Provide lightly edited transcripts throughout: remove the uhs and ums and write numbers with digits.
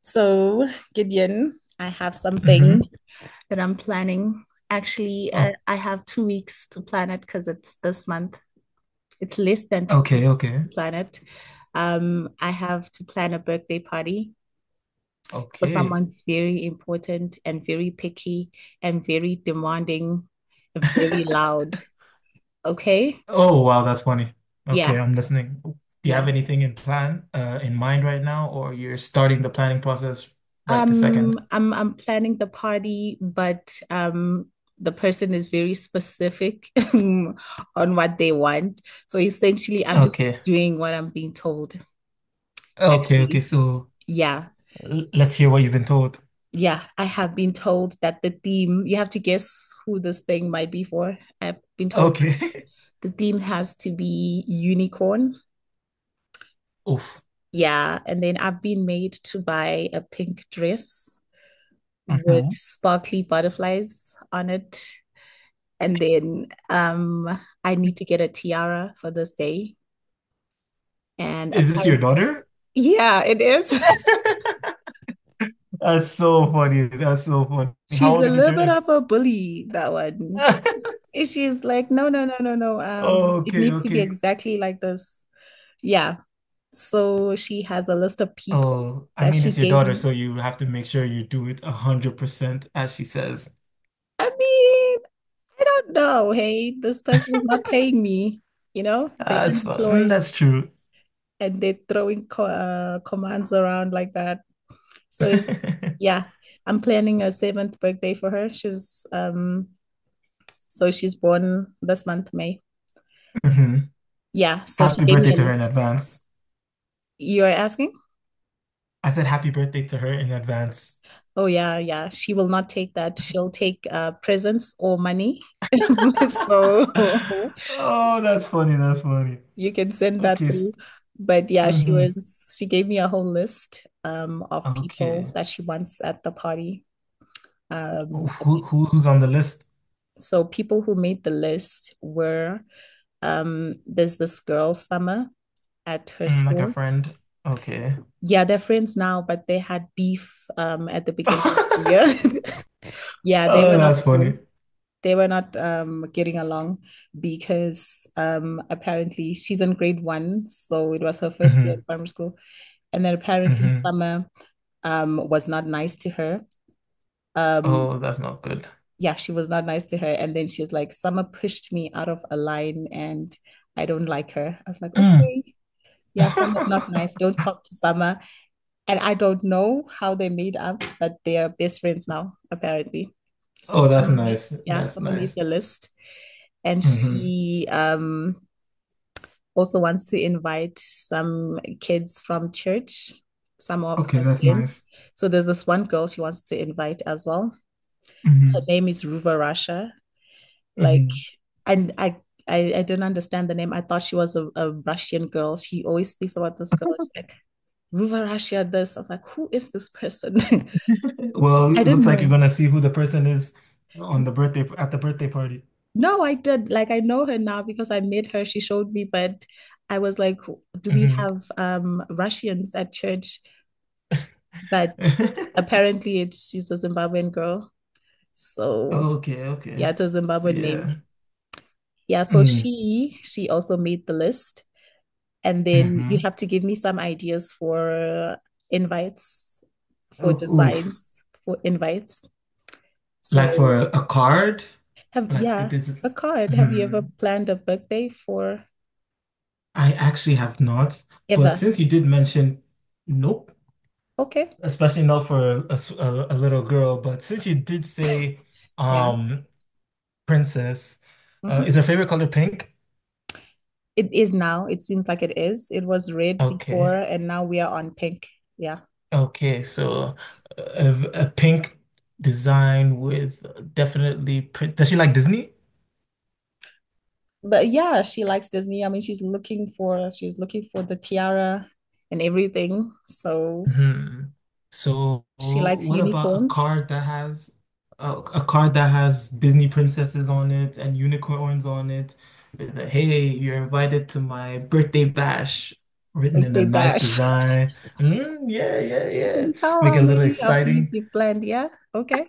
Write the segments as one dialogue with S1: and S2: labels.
S1: So, Gideon, I have something
S2: Mm-hmm.
S1: that I'm planning. Actually, I,
S2: Oh,
S1: I have 2 weeks to plan it because it's this month. It's less than two
S2: okay,
S1: weeks to
S2: okay,
S1: plan it. I have to plan a birthday party for
S2: okay.
S1: someone very important and very picky and very demanding and very loud. Okay?
S2: Oh, wow, that's funny.
S1: Yeah,
S2: Okay, I'm listening. Do you
S1: yeah.
S2: have anything in plan, in mind right now, or you're starting the planning process right this second?
S1: I'm planning the party, but the person is very specific on what they want. So essentially, I'm just
S2: Okay,
S1: doing what I'm being told,
S2: okay, okay.
S1: actually.
S2: So
S1: Yeah.
S2: let's
S1: S-
S2: hear what you've been told.
S1: Yeah, I have been told that the theme, you have to guess who this thing might be for. I've been told
S2: Okay.
S1: the theme has to be unicorn.
S2: Oof.
S1: Yeah, and then I've been made to buy a pink dress with
S2: Hmm.
S1: sparkly butterflies on it. And then I need to get a tiara for this day. And
S2: Is this your
S1: apparently,
S2: daughter?
S1: yeah, it is.
S2: That's so funny. That's so funny. How
S1: She's
S2: old
S1: a
S2: is she
S1: little bit
S2: turning?
S1: of a bully, that one. And She's like, no, no, no, no, no. It
S2: Okay,
S1: needs to be
S2: okay.
S1: exactly like this. Yeah. So she has a list of people
S2: Oh, I
S1: that
S2: mean,
S1: she
S2: it's your
S1: gave
S2: daughter,
S1: me.
S2: so you have to make sure you do it 100%, as she says.
S1: I mean, I don't know. Hey, this person is not paying me. You know, they're
S2: That's fun. Mm.
S1: unemployed
S2: That's true.
S1: and they're throwing co commands around like that. So yeah, I'm planning a seventh birthday for her. She's so she's born this month, May.
S2: Hmm.
S1: Yeah, so she
S2: Happy
S1: gave me
S2: birthday
S1: a
S2: to her in
S1: list.
S2: advance.
S1: You're asking?
S2: I said happy birthday to her in advance.
S1: Oh yeah, yeah. She will not take that. She'll take presents or money. So
S2: Oh, that's funny. That's funny.
S1: you can send that
S2: Okay.
S1: through. But yeah,
S2: Mm-hmm.
S1: she gave me a whole list of people
S2: Okay.
S1: that she wants at the party. Um
S2: Oh, who's on the list?
S1: so people who made the list were there's this girl, Summer at her
S2: Mm, like a
S1: school.
S2: friend. Okay.
S1: Yeah, they're friends now, but they had beef at the beginning of the year.
S2: Oh,
S1: Yeah, they were not
S2: that's funny.
S1: cool. They were not getting along because apparently she's in grade one, so it was her first year in
S2: hmm
S1: primary school. And then apparently
S2: hmm
S1: Summer was not nice to her. Um
S2: Oh, that's not good.
S1: yeah, she was not nice to her. And then she was like, Summer pushed me out of a line and I don't like her. I was like,
S2: Mm.
S1: okay, yeah, Summer's not nice. Don't talk to Summer. And I don't know how they made up, but they are best friends now, apparently. So
S2: Oh, that's nice.
S1: Yeah,
S2: That's
S1: Summer made
S2: nice.
S1: the list, and
S2: hmm
S1: she also wants to invite some kids from church, some of
S2: Okay,
S1: her
S2: that's
S1: friends.
S2: nice.
S1: So there's this one girl she wants to invite as well. Her
S2: hmm
S1: name is Ruva Russia. Like,
S2: hmm
S1: and I. I don't understand the name. I thought she was a Russian girl. She always speaks about this girl. It's like Ruva Russia this. I was like, who is this person?
S2: Well,
S1: I
S2: it
S1: didn't
S2: looks like you're
S1: know.
S2: gonna see who the person is on the birthday at the birthday party.
S1: No, I did. Like I know her now because I met her. She showed me, but I was like, do we
S2: Hmm.
S1: have Russians at church? But apparently it's she's a Zimbabwean girl. So
S2: Okay, okay.
S1: yeah, it's a Zimbabwean
S2: Yeah.
S1: name. Yeah, so
S2: Mm-hmm.
S1: she also made the list. And then you
S2: Mm-hmm.
S1: have to give me some ideas for invites, for
S2: Oh, oof.
S1: designs, for invites.
S2: Like
S1: So
S2: for a card?
S1: have
S2: Like
S1: yeah,
S2: this is
S1: a card. Have you ever
S2: hmm.
S1: planned a birthday for
S2: I actually have not, but
S1: ever?
S2: since you did mention nope,
S1: Okay.
S2: especially not for a, a little girl, but since you did say
S1: Yeah.
S2: um Princess. Is
S1: Hmm.
S2: her favorite color pink?
S1: It is now. It seems like it is. It was red before,
S2: Okay.
S1: and now we are on pink. Yeah.
S2: Okay. So a pink design with definitely print. Does she like Disney?
S1: But yeah, she likes Disney. I mean, she's looking for the tiara and everything. So
S2: Hmm. So
S1: she likes
S2: what about
S1: unicorns.
S2: a card that has Disney princesses on it and unicorns on it? With a, hey, you're invited to my birthday bash. Written
S1: Like
S2: in
S1: they
S2: a nice
S1: bash.
S2: design. Mm, yeah, yeah,
S1: I
S2: yeah.
S1: can tell
S2: Make
S1: how
S2: it a little
S1: many of these
S2: exciting.
S1: you've planned. Yeah. Okay.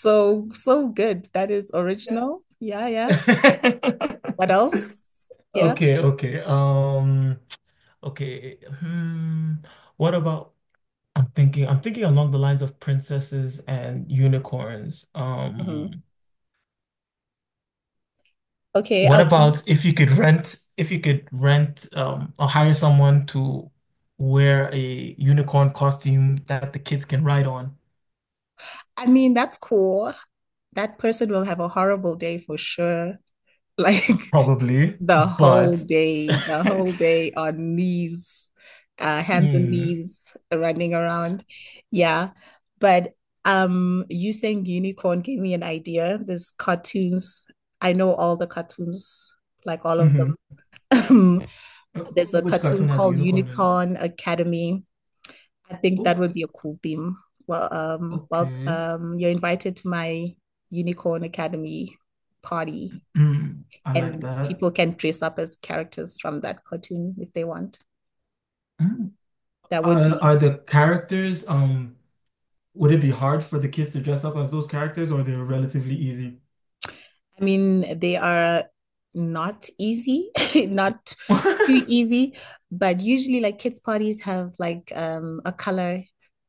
S1: So so good. That is original. Yeah, yeah. What else? Yeah.
S2: Okay, okay. Okay. Hmm. What about I'm thinking along the lines of princesses and unicorns.
S1: Hmm. Okay,
S2: What
S1: I'll give-
S2: about if you could rent or hire someone to wear a unicorn costume that the kids can ride on?
S1: I mean, that's cool. That person will have a horrible day for sure. Like,
S2: Probably, but
S1: the whole day on knees, hands and
S2: Mm,
S1: knees running around. Yeah. But you saying unicorn gave me an idea. There's cartoons. I know all the cartoons, like all of them.
S2: mhm.
S1: Um,
S2: Uh,
S1: there's a
S2: Which
S1: cartoon
S2: cartoon has a
S1: called
S2: unicorn in it?
S1: Unicorn Academy. I think
S2: Oh,
S1: that would be a cool theme. Well, um, well,
S2: okay.
S1: um, you're invited to my Unicorn Academy party
S2: Mm, I like
S1: and
S2: that.
S1: people can dress up as characters from that cartoon if they want.
S2: Hmm.
S1: That would
S2: Uh,
S1: be.
S2: are the characters, um, would it be hard for the kids to dress up as those characters or they're relatively easy?
S1: I mean, they are not easy, not too easy, but usually like kids parties have like a color.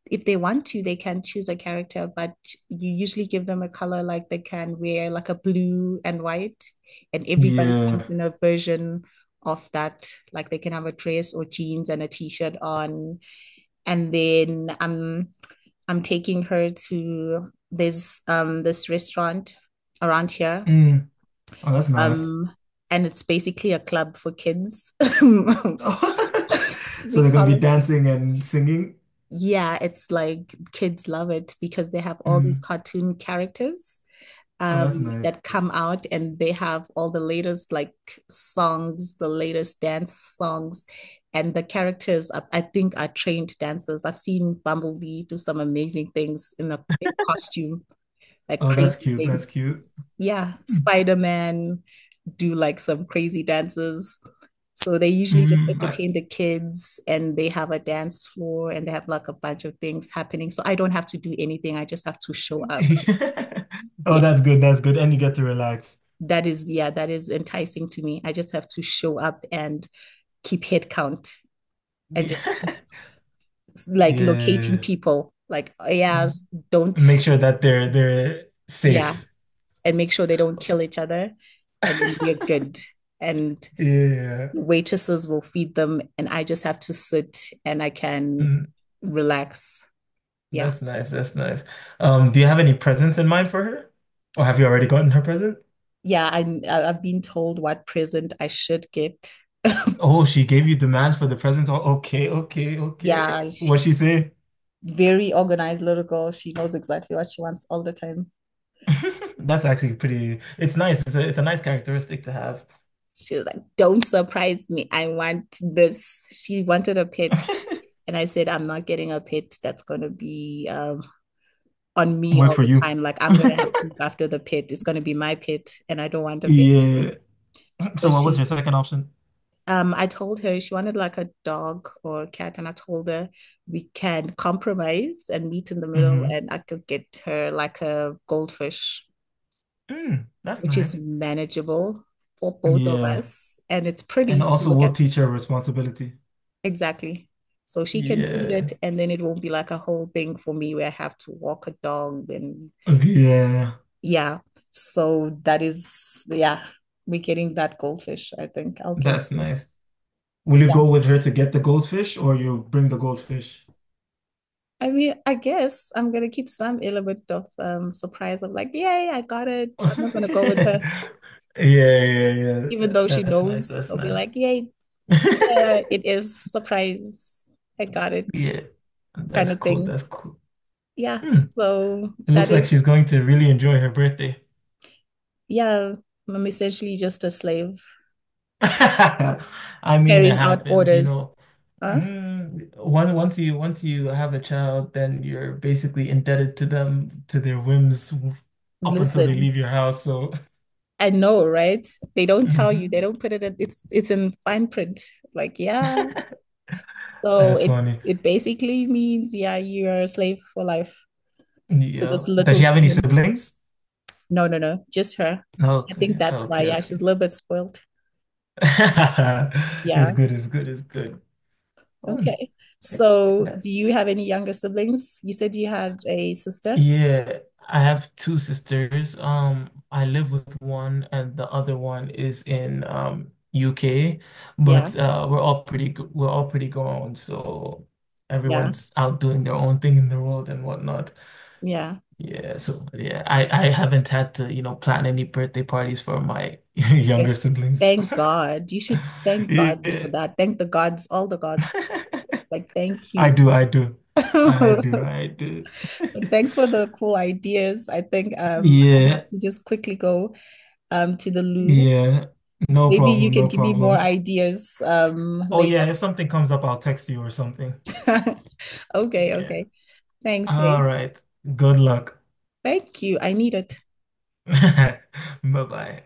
S1: If they want to, they can choose a character, but you usually give them a color like they can wear like a blue and white, and everybody
S2: Yeah.
S1: comes in a version of that. Like they can have a dress or jeans and a t-shirt on, and then I'm taking her to this this restaurant around here.
S2: Mm. Oh, that's nice.
S1: Um, and it's basically a club for kids.
S2: So
S1: We
S2: they're gonna
S1: call
S2: be
S1: it.
S2: dancing and singing.
S1: Yeah, it's like kids love it because they have all these
S2: Mm.
S1: cartoon characters
S2: Oh,
S1: um
S2: that's
S1: that
S2: nice.
S1: come out and they have all the latest like songs, the latest dance songs. And the characters, are, I think, are trained dancers. I've seen Bumblebee do some amazing things in a in costume, like
S2: Oh, that's
S1: crazy
S2: cute. That's
S1: things.
S2: cute.
S1: Yeah,
S2: Mm.
S1: Spider-Man do like some crazy dances. So they usually just
S2: Mm.
S1: entertain the kids and they have a dance floor and they have like a bunch of things happening. So I don't have to do anything. I just have to show up.
S2: Oh,
S1: Yeah.
S2: that's good. That's good. And you get to relax.
S1: That is, yeah, that is enticing to me. I just have to show up and keep head count and
S2: Yeah.
S1: just keep like locating
S2: Yeah.
S1: people. Like, oh, yeah,
S2: Mm.
S1: don't,
S2: Make sure that they're
S1: yeah,
S2: safe.
S1: and make sure they don't kill each other. And then we're good. And
S2: Yeah.
S1: waitresses will feed them and I just have to sit and I can
S2: Mm.
S1: relax. Yeah.
S2: That's nice. That's nice. Do you have any presents in mind for her? Or have you already gotten her present?
S1: Yeah, I've been told what present I should get.
S2: Oh, she gave you demands for the present. Oh, okay, okay, okay.
S1: Yeah,
S2: What
S1: she
S2: she say?
S1: very organized little girl. She knows exactly what she wants all the time.
S2: That's actually pretty. It's nice. It's a nice characteristic to have.
S1: She's like, "Don't surprise me. I want this." She wanted a pet and I said, "I'm not getting a pet that's going to be on me
S2: Work
S1: all
S2: for
S1: the
S2: you.
S1: time. Like I'm gonna have to look after the pet. It's gonna be my pet, and I don't want a pet.
S2: Yeah.
S1: So
S2: So what was
S1: she
S2: your second option?
S1: I told her she wanted like a dog or a cat, and I told her we can compromise and meet in the middle,
S2: hmm
S1: and I could get her like a goldfish,
S2: Mm, that's
S1: which is
S2: nice.
S1: manageable for both of
S2: Yeah.
S1: us, and it's
S2: And
S1: pretty to
S2: also
S1: look
S2: we'll
S1: at.
S2: teach her responsibility.
S1: Exactly. So she can feed
S2: Yeah.
S1: it, and then it won't be like a whole thing for me where I have to walk a dog and
S2: Yeah.
S1: yeah. So that is, yeah, we're getting that goldfish, I think. I'll get
S2: That's
S1: it.
S2: nice. Will you go with her to get the goldfish or you bring the goldfish?
S1: I mean, I guess I'm gonna keep some element of surprise of like, yay, I got it. I'm not gonna go with her,
S2: Yeah, yeah,
S1: even
S2: yeah.
S1: though she
S2: That's nice.
S1: knows.
S2: That's
S1: I'll be
S2: nice.
S1: like, yay, yeah, it is surprise. I got it,
S2: Yeah,
S1: kind
S2: that's
S1: of
S2: cool.
S1: thing.
S2: That's cool.
S1: Yeah,
S2: Hmm.
S1: so
S2: It
S1: that
S2: looks like
S1: is,
S2: she's going to really enjoy her birthday.
S1: yeah, I'm essentially just a slave
S2: I mean, it
S1: carrying out
S2: happens, you
S1: orders.
S2: know.
S1: Huh?
S2: Mm, one once you have a child, then you're basically indebted to them to their whims up until they leave
S1: Listen,
S2: your house. So,
S1: I know, right? They don't tell you. They
S2: Mhm.
S1: don't put it in, it's in fine print. Like, yeah. So
S2: That's funny.
S1: it basically means, yeah, you're a slave for life to
S2: Yeah.
S1: this
S2: Does
S1: little
S2: she have any
S1: human.
S2: siblings?
S1: No, no, no, just her. I think
S2: Okay,
S1: that's why,
S2: okay,
S1: yeah, she's
S2: okay.
S1: a little bit spoiled.
S2: It's
S1: Yeah.
S2: good, it's good, it's good. Oh,
S1: Okay.
S2: it-
S1: So do
S2: that's,
S1: you have any younger siblings? You said you had a sister?
S2: yeah, I have two sisters. I live with one and the other one is in UK,
S1: Yeah,
S2: but we're all pretty grown, so
S1: yeah,
S2: everyone's out doing their own thing in the world and whatnot.
S1: yeah.
S2: Yeah, so yeah, I haven't had to plan any birthday parties for my younger
S1: Yes.
S2: siblings.
S1: Thank God. You should thank God
S2: Yeah.
S1: for that. Thank the gods, all the gods. Like, thank
S2: I
S1: you.
S2: do, I do, I do, I do.
S1: But thanks for the cool ideas. I think I
S2: Yeah,
S1: have to just quickly go to the loo.
S2: yeah. No
S1: Maybe you
S2: problem,
S1: can
S2: no
S1: give me more
S2: problem.
S1: ideas
S2: Oh
S1: later.
S2: yeah, if something comes up, I'll text you or something.
S1: Okay,
S2: Yeah.
S1: okay. Thanks,
S2: All
S1: hey.
S2: right. Good luck.
S1: Thank you. I need it.
S2: Bye-bye.